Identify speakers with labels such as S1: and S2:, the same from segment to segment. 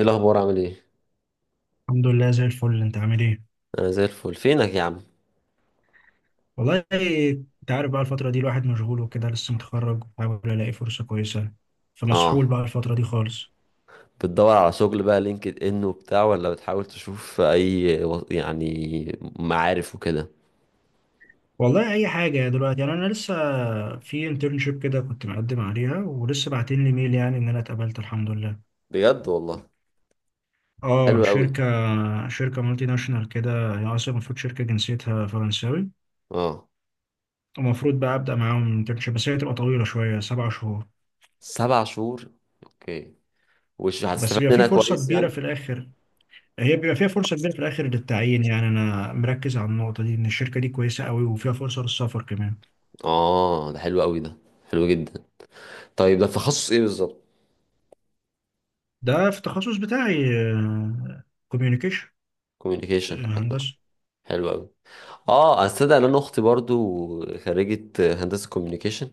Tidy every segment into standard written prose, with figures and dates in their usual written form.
S1: ايه الاخبار؟ عامل ايه؟
S2: الحمد لله زي الفل، انت عامل ايه؟
S1: انا زي الفل، فينك يا عم؟
S2: والله انت عارف بقى الفترة دي الواحد مشغول وكده، لسه متخرج بحاول الاقي فرصة كويسة، فمسحول
S1: اه،
S2: بقى الفترة دي خالص.
S1: بتدور على شغل بقى، لينكد ان وبتاع، ولا بتحاول تشوف اي يعني معارف وكده؟
S2: والله اي حاجة دلوقتي، انا لسه في انترنشيب كده كنت مقدم عليها، ولسه باعتين لي ميل ان انا اتقبلت الحمد لله.
S1: بجد والله. حلو
S2: اه،
S1: قوي.
S2: شركة. شركة مالتي ناشونال كده، هي اصلا المفروض شركة جنسيتها فرنساوي.
S1: اه،
S2: ومفروض بقى ابدا معاهم انترنشيب، بس هي هتبقى طويلة شوية، سبع شهور.
S1: 7 شهور، اوكي. وش
S2: بس
S1: هتستفاد
S2: بيبقى في
S1: منها
S2: فرصة
S1: كويس يعني.
S2: كبيرة في الاخر. هي بيبقى فيها فرصة كبيرة في الآخر للتعيين، يعني أنا مركز على النقطة دي، إن الشركة دي كويسة قوي وفيها فرصة للسفر كمان.
S1: اه، ده حلو قوي، ده حلو جدا. طيب، ده تخصص ايه بالظبط؟
S2: ده في التخصص بتاعي، كوميونيكيشن.
S1: كوميونيكيشن، حلو.
S2: هندسة.
S1: حلو قوي. اه، استدعي، لان اختي برضو خريجة هندسة كوميونيكيشن.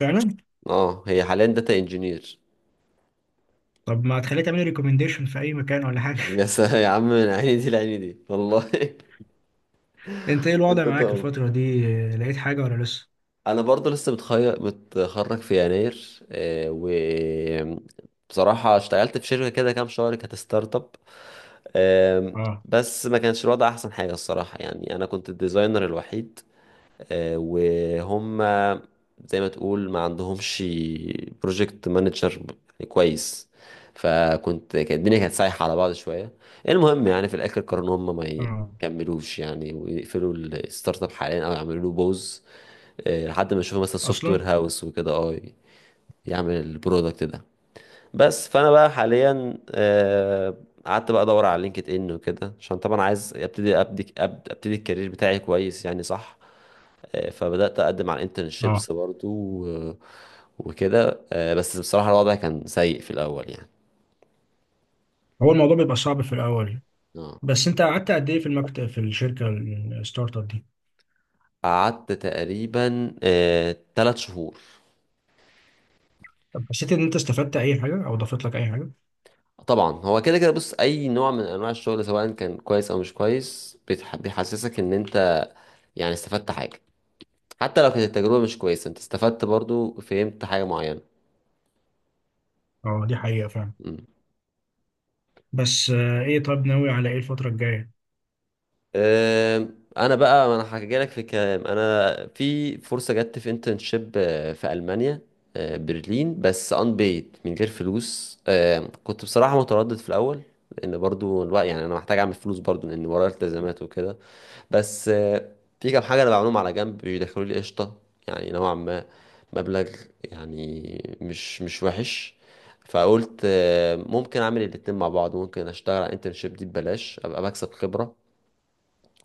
S2: فعلا.
S1: اه، هي حاليا داتا انجينير.
S2: طب ما تخليني تعملي ريكومنديشن في أي مكان ولا حاجة؟
S1: يا سلام يا عم، من عيني دي لعيني دي والله.
S2: أنت إيه الوضع
S1: انت
S2: معاك
S1: تأمر.
S2: الفترة دي؟ لقيت حاجة ولا لسه؟
S1: انا برضه لسه متخرج في يناير، و بصراحة اشتغلت في شركة كده كام شهر، كانت ستارت اب. آم،
S2: آه.
S1: بس ما كانش الوضع احسن حاجة الصراحة، يعني انا كنت الديزاينر الوحيد، وهم زي ما تقول ما عندهمش بروجكت مانجر كويس. فكنت، كانت الدنيا كانت سايحة على بعض شوية. المهم، يعني في الآخر قرروا إن هم ما
S2: آه.
S1: يكملوش يعني، ويقفلوا الستارت اب حاليا، أو يعملوا له بوز. لحد ما يشوفوا مثلا سوفت وير
S2: أصلا.
S1: هاوس وكده اه، يعمل البرودكت ده. بس فانا بقى حاليا، قعدت بقى ادور على لينكد ان وكده، عشان طبعا عايز ابتدي الكارير بتاعي كويس يعني، صح. فبدات اقدم على
S2: آه.
S1: انترنشيبس برضو وكده. بس بصراحه الوضع كان سيء في الاول يعني.
S2: هو الموضوع بيبقى صعب في الأول.
S1: اه،
S2: بس أنت قعدت قد إيه في المكتب، في الشركة الستارت أب دي؟
S1: قعدت تقريبا 3 شهور.
S2: طب حسيت إن أنت استفدت أي حاجة أو ضافت لك أي حاجة؟
S1: طبعا، هو كده كده بص، اي نوع من انواع الشغل سواء كان كويس او مش كويس، بيحسسك ان انت يعني استفدت حاجه. حتى لو كانت التجربة مش كويسة، انت استفدت برضو، فهمت حاجة معينة.
S2: آه، دي حقيقة فعلا.
S1: مم.
S2: بس ايه، طب ناوي على ايه الفترة الجاية؟
S1: انا بقى ما انا هحكي لك في الكلام، انا في فرصه جت في انترنشيب في المانيا. برلين، بس ان بيد من غير فلوس. كنت بصراحه متردد في الاول، لان برضو الوقت يعني انا محتاج اعمل فلوس برضو، لان ورايا التزامات وكده. بس في كام حاجة أنا بعملهم على جنب، بيدخلوا لي قشطة يعني، نوعا ما، مبلغ يعني مش وحش. فقلت، ممكن أعمل الاتنين مع بعض، ممكن أشتغل على الانترنشيب دي ببلاش، أبقى بكسب خبرة.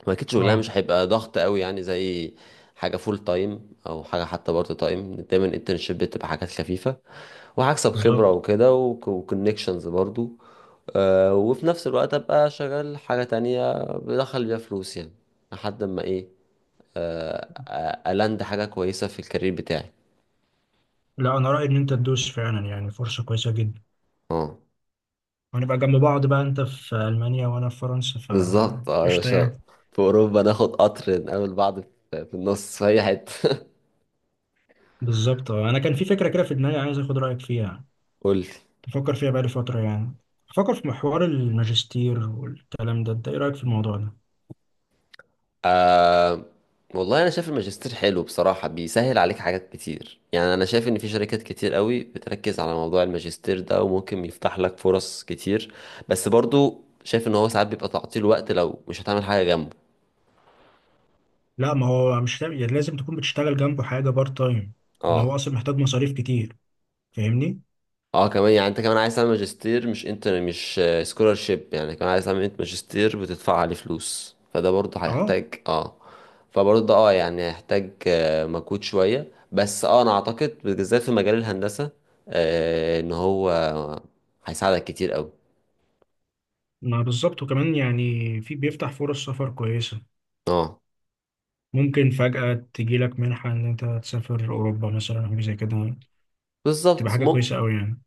S1: هو اكيد شغلها
S2: اه،
S1: مش هيبقى ضغط قوي، يعني زي حاجه فول تايم او حاجه حتى بارت تايم، دايما الانترنشيب بتبقى حاجات خفيفه. وهكسب خبره
S2: بالظبط.
S1: وكده، وكونكشنز برضو. آه، وفي نفس الوقت ابقى شغال حاجه تانية بدخل بيها فلوس يعني، لحد ما ايه، آه الاند حاجه كويسه في الكارير بتاعي.
S2: لا، انا رأيي ان انت تدوس فعلا، يعني فرصة كويسة جدا.
S1: اه،
S2: وهنبقى جنب بعض بقى، انت في المانيا وانا في فرنسا، ف
S1: بالظبط، اه يا
S2: قشطة
S1: باشا.
S2: يعني.
S1: في اوروبا ناخد قطر، نقابل بعض في النص في اي حته.
S2: بالظبط. انا كان في فكرة كده في دماغي، عايز اخد رأيك فيها.
S1: قولي.
S2: تفكر فيها بقالي فترة يعني. بفكر في محور الماجستير والكلام ده، انت ايه رأيك في الموضوع ده؟
S1: آه، والله انا شايف الماجستير حلو بصراحه، بيسهل عليك حاجات كتير، يعني انا شايف ان في شركات كتير قوي بتركز على موضوع الماجستير ده، وممكن يفتح لك فرص كتير. بس برضو شايف ان هو ساعات بيبقى تعطيل وقت لو مش هتعمل حاجه جنبه.
S2: لا، ما هو مش لازم، يعني لازم تكون بتشتغل جنبه حاجة بارت تايم. ان هو
S1: اه،
S2: اصلا محتاج مصاريف كتير، فاهمني.
S1: اه، كمان يعني انت كمان عايز تعمل ماجستير، مش انت مش سكولارشيب يعني، كمان عايز تعمل انت ماجستير بتدفع عليه فلوس، فده برضه
S2: اه.
S1: هيحتاج اه. فبرضه ده اه يعني هيحتاج مجهود شوية، بس اه انا اعتقد بالذات في مجال الهندسة آه، ان هو هيساعدك كتير قوي.
S2: ما بالظبط، وكمان يعني في، بيفتح فرص سفر كويسة.
S1: اه،
S2: ممكن فجأة تجيلك منحة إن أنت تسافر أوروبا مثلا أو زي كده. تبقى
S1: بالظبط.
S2: حاجة كويسة أوي يعني.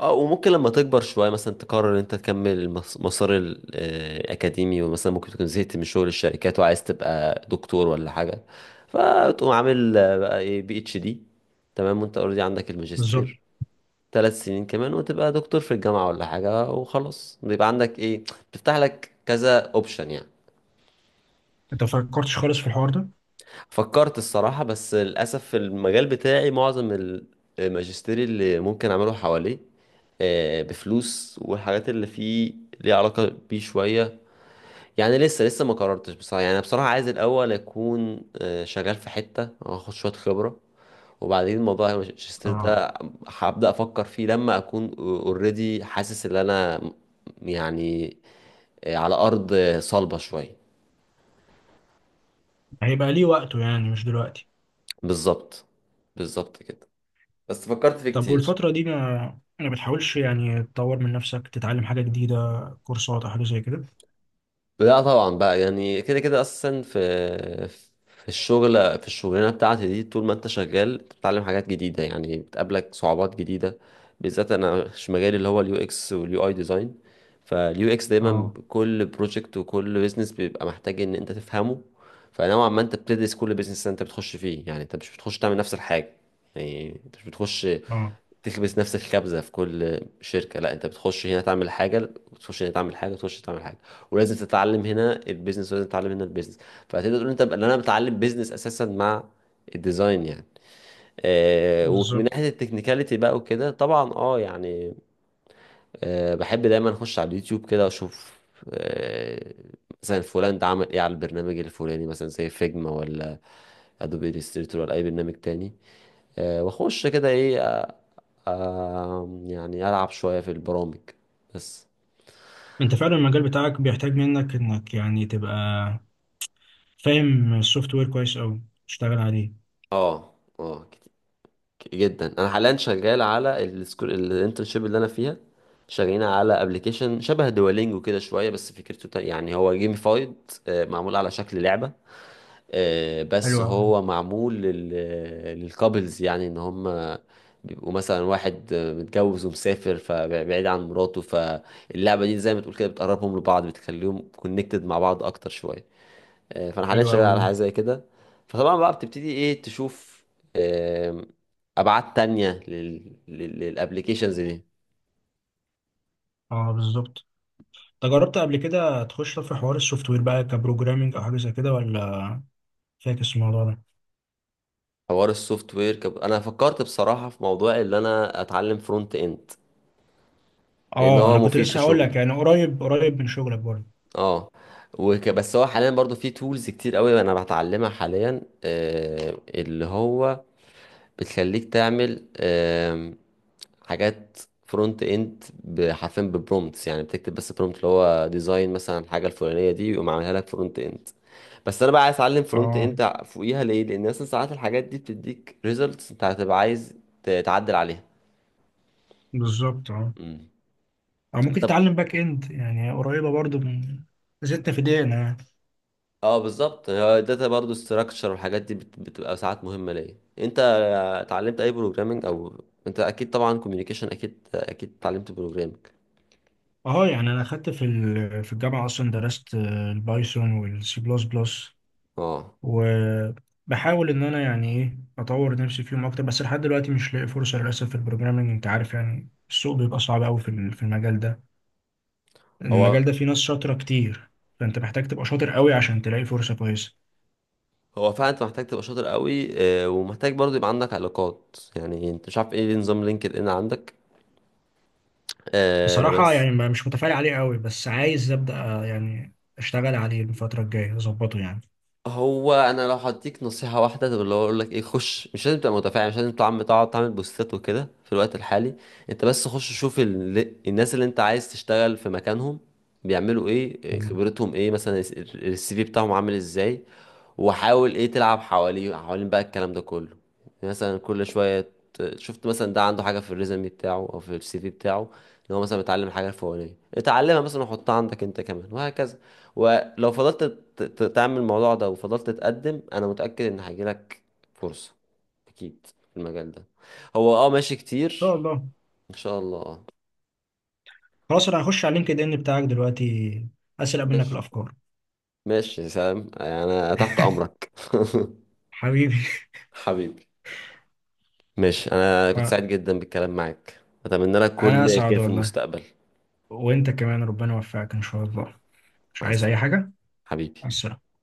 S1: اه، وممكن لما تكبر شوية مثلا تقرر ان انت تكمل مسار الأكاديمي، ومثلا ممكن تكون زهقت من شغل الشركات، وعايز تبقى دكتور ولا حاجة. فتقوم عامل بقى ايه، بي اتش دي، تمام، وانت اوريدي عندك
S2: بالظبط.
S1: الماجستير. 3 سنين كمان وتبقى دكتور في الجامعة ولا حاجة، وخلاص بيبقى عندك ايه، بتفتح لك كذا اوبشن يعني.
S2: أنت مفكرتش خالص في الحوار ده؟
S1: فكرت الصراحة، بس للأسف في المجال بتاعي معظم الماجستير اللي ممكن أعمله حواليه بفلوس، والحاجات اللي فيه ليها علاقة بيه شوية. يعني لسه لسه ما قررتش بصراحة، يعني أنا بصراحة عايز الأول أكون شغال في حتة، أخد شوية خبرة، وبعدين موضوع الماجستير
S2: اه.
S1: ده هبدأ أفكر فيه لما أكون اوريدي حاسس إن أنا يعني على أرض صلبة شوية.
S2: هيبقى ليه وقته يعني، مش دلوقتي.
S1: بالظبط، بالظبط كده. بس فكرت فيه
S2: طب
S1: كتير.
S2: والفترة دي ما بتحاولش يعني تطور من نفسك، تتعلم حاجة جديدة، كورسات أو حاجة زي كده؟
S1: لا طبعا بقى، يعني كده كده اصلا في الشغل، في الشغلانه بتاعتي دي طول ما انت شغال بتتعلم حاجات جديده، يعني بتقابلك صعوبات جديده. بالذات انا، مش مجالي اللي هو اليو اكس واليو اي ديزاين، فاليو اكس دايما
S2: اه.
S1: كل بروجكت وكل بيزنس بيبقى محتاج ان انت تفهمه. فنوعا ما انت بتدرس كل بيزنس انت بتخش فيه، يعني انت مش بتخش تعمل نفس الحاجه، يعني انت مش بتخش
S2: اه،
S1: تكبس نفس الكبزة في كل شركة، لا انت بتخش هنا تعمل حاجة، تخش هنا تعمل حاجة، تخش تعمل حاجة. ولازم تتعلم هنا البيزنس، ولازم تتعلم هنا البيزنس. فهتقدر تقول انت ان انا بتعلم بيزنس اساسا مع الديزاين يعني. آه، ومن
S2: بالظبط.
S1: ناحية التكنيكاليتي بقى وكده طبعا اه يعني، آه بحب دايما اخش على اليوتيوب كده واشوف آه، مثلا فلان ده عمل ايه على البرنامج الفلاني، مثلا زي فيجما ولا ادوبي الستريتور ولا اي برنامج تاني. آه، واخش كده ايه، آه، آم، يعني ألعب شوية في البرامج بس.
S2: انت فعلا المجال بتاعك بيحتاج منك انك يعني تبقى فاهم السوفت وير كويس قوي، تشتغل عليه.
S1: اه، اه، جدا، أنا حاليا شغال على السكول الانترنشيب اللي أنا فيها، شغالين على ابلكيشن شبه دوالينجو كده شوية، بس فكرته، يعني هو جيميفايد، معمول على شكل لعبة.
S2: حلو
S1: بس
S2: قوي.
S1: هو معمول للكابلز، يعني ان هم بيبقوا مثلا واحد متجوز ومسافر فبعيد عن مراته، فاللعبة دي زي ما تقول كده بتقربهم لبعض، بتخليهم كونكتد مع بعض اكتر شوية. فانا حاليا
S2: حلو
S1: شغال
S2: قوي
S1: على
S2: ده.
S1: حاجه زي كده. فطبعا بقى بتبتدي ايه تشوف آم، ابعاد تانية للابليكيشنز دي.
S2: اه، بالظبط. انت جربت قبل كده تخش في حوار السوفت وير بقى كبروجرامينج او حاجه زي كده، ولا فاكس الموضوع ده؟
S1: حوار السوفت وير انا فكرت بصراحه في موضوع ان انا اتعلم فرونت اند، لان
S2: اه،
S1: هو
S2: انا كنت
S1: مفيد في
S2: لسه هقول
S1: شغلي.
S2: لك، يعني قريب قريب من شغلك برضه.
S1: اه، بس هو حاليا برضو في تولز كتير قوي انا بتعلمها حاليا، اللي هو بتخليك تعمل حاجات فرونت اند حرفيا ببرومتس، يعني بتكتب بس برومت، اللي هو ديزاين مثلا الحاجه الفلانيه دي، ويقوم عاملها لك فرونت اند. بس انا بقى عايز اتعلم فرونت
S2: اه،
S1: اند فوقيها ليه، لان مثلا ساعات الحاجات دي بتديك ريزلتس انت هتبقى عايز تعدل عليها.
S2: بالظبط. اه.
S1: امم
S2: او ممكن
S1: طب،
S2: تتعلم باك اند، يعني قريبه برضه من، زدت في دقيقه يعني.
S1: اه بالظبط، الداتا برضو ستراكشر والحاجات دي بتبقى ساعات مهمه ليا. انت اتعلمت اي بروجرامنج؟ او انت اكيد طبعا كوميونيكيشن اكيد اكيد اتعلمت بروجرامنج.
S2: اه، يعني انا اخدت في في الجامعه اصلا، درست البايثون والسي بلس بلس.
S1: اه،
S2: وبحاول ان انا يعني ايه اطور نفسي فيهم اكتر، بس لحد دلوقتي مش لاقي فرصه للاسف في البروجرامينج. انت عارف، يعني السوق بيبقى صعب قوي في في المجال ده.
S1: هو
S2: المجال ده فيه ناس شاطرة كتير، فأنت محتاج تبقى شاطر قوي عشان تلاقي فرصة كويسة.
S1: هو فعلا انت محتاج تبقى شاطر قوي، ومحتاج برضه يبقى عندك علاقات، يعني انت مش عارف ايه نظام لينكد ان عندك.
S2: بصراحة
S1: بس
S2: يعني، مش متفائل عليه قوي، بس عايز أبدأ يعني أشتغل عليه الفترة الجاية، أظبطه يعني.
S1: هو انا لو هديك نصيحه واحده، طب اللي هو اقول لك ايه، خش مش لازم تبقى متفاعل، مش لازم تعمل، تقعد تعمل بوستات وكده في الوقت الحالي. انت بس خش شوف الناس اللي انت عايز تشتغل في مكانهم، بيعملوا ايه،
S2: تمام. إن
S1: خبرتهم ايه مثلا، السي في بتاعهم عامل ازاي، وحاول ايه تلعب حواليه، حوالين بقى الكلام ده كله. مثلا كل شويه شفت مثلا ده عنده حاجه في الريزومي بتاعه او في السي في بتاعه، ان هو مثلا متعلم حاجه الفلانيه، اتعلمها مثلا وحطها عندك انت كمان، وهكذا. ولو فضلت تعمل الموضوع ده وفضلت تقدم، انا متأكد ان هيجيلك فرصة اكيد في المجال ده. هو اه ماشي
S2: شاء
S1: كتير.
S2: الله.
S1: ان شاء الله، اه.
S2: خلاص، أنا هخش على اللينكد إن بتاعك دلوقتي، أسرق منك
S1: ماشي
S2: الأفكار.
S1: ماشي يا سلام، انا تحت امرك.
S2: حبيبي.
S1: حبيبي. ماشي، انا كنت سعيد
S2: آه.
S1: جدا بالكلام معاك. اتمنى لك
S2: أنا
S1: كل خير
S2: أسعد
S1: في
S2: والله.
S1: المستقبل.
S2: وأنت كمان ربنا يوفقك إن شاء الله. مش
S1: مع
S2: عايز أي
S1: السلامة.
S2: حاجة. مع
S1: حبيبي.
S2: السلامة.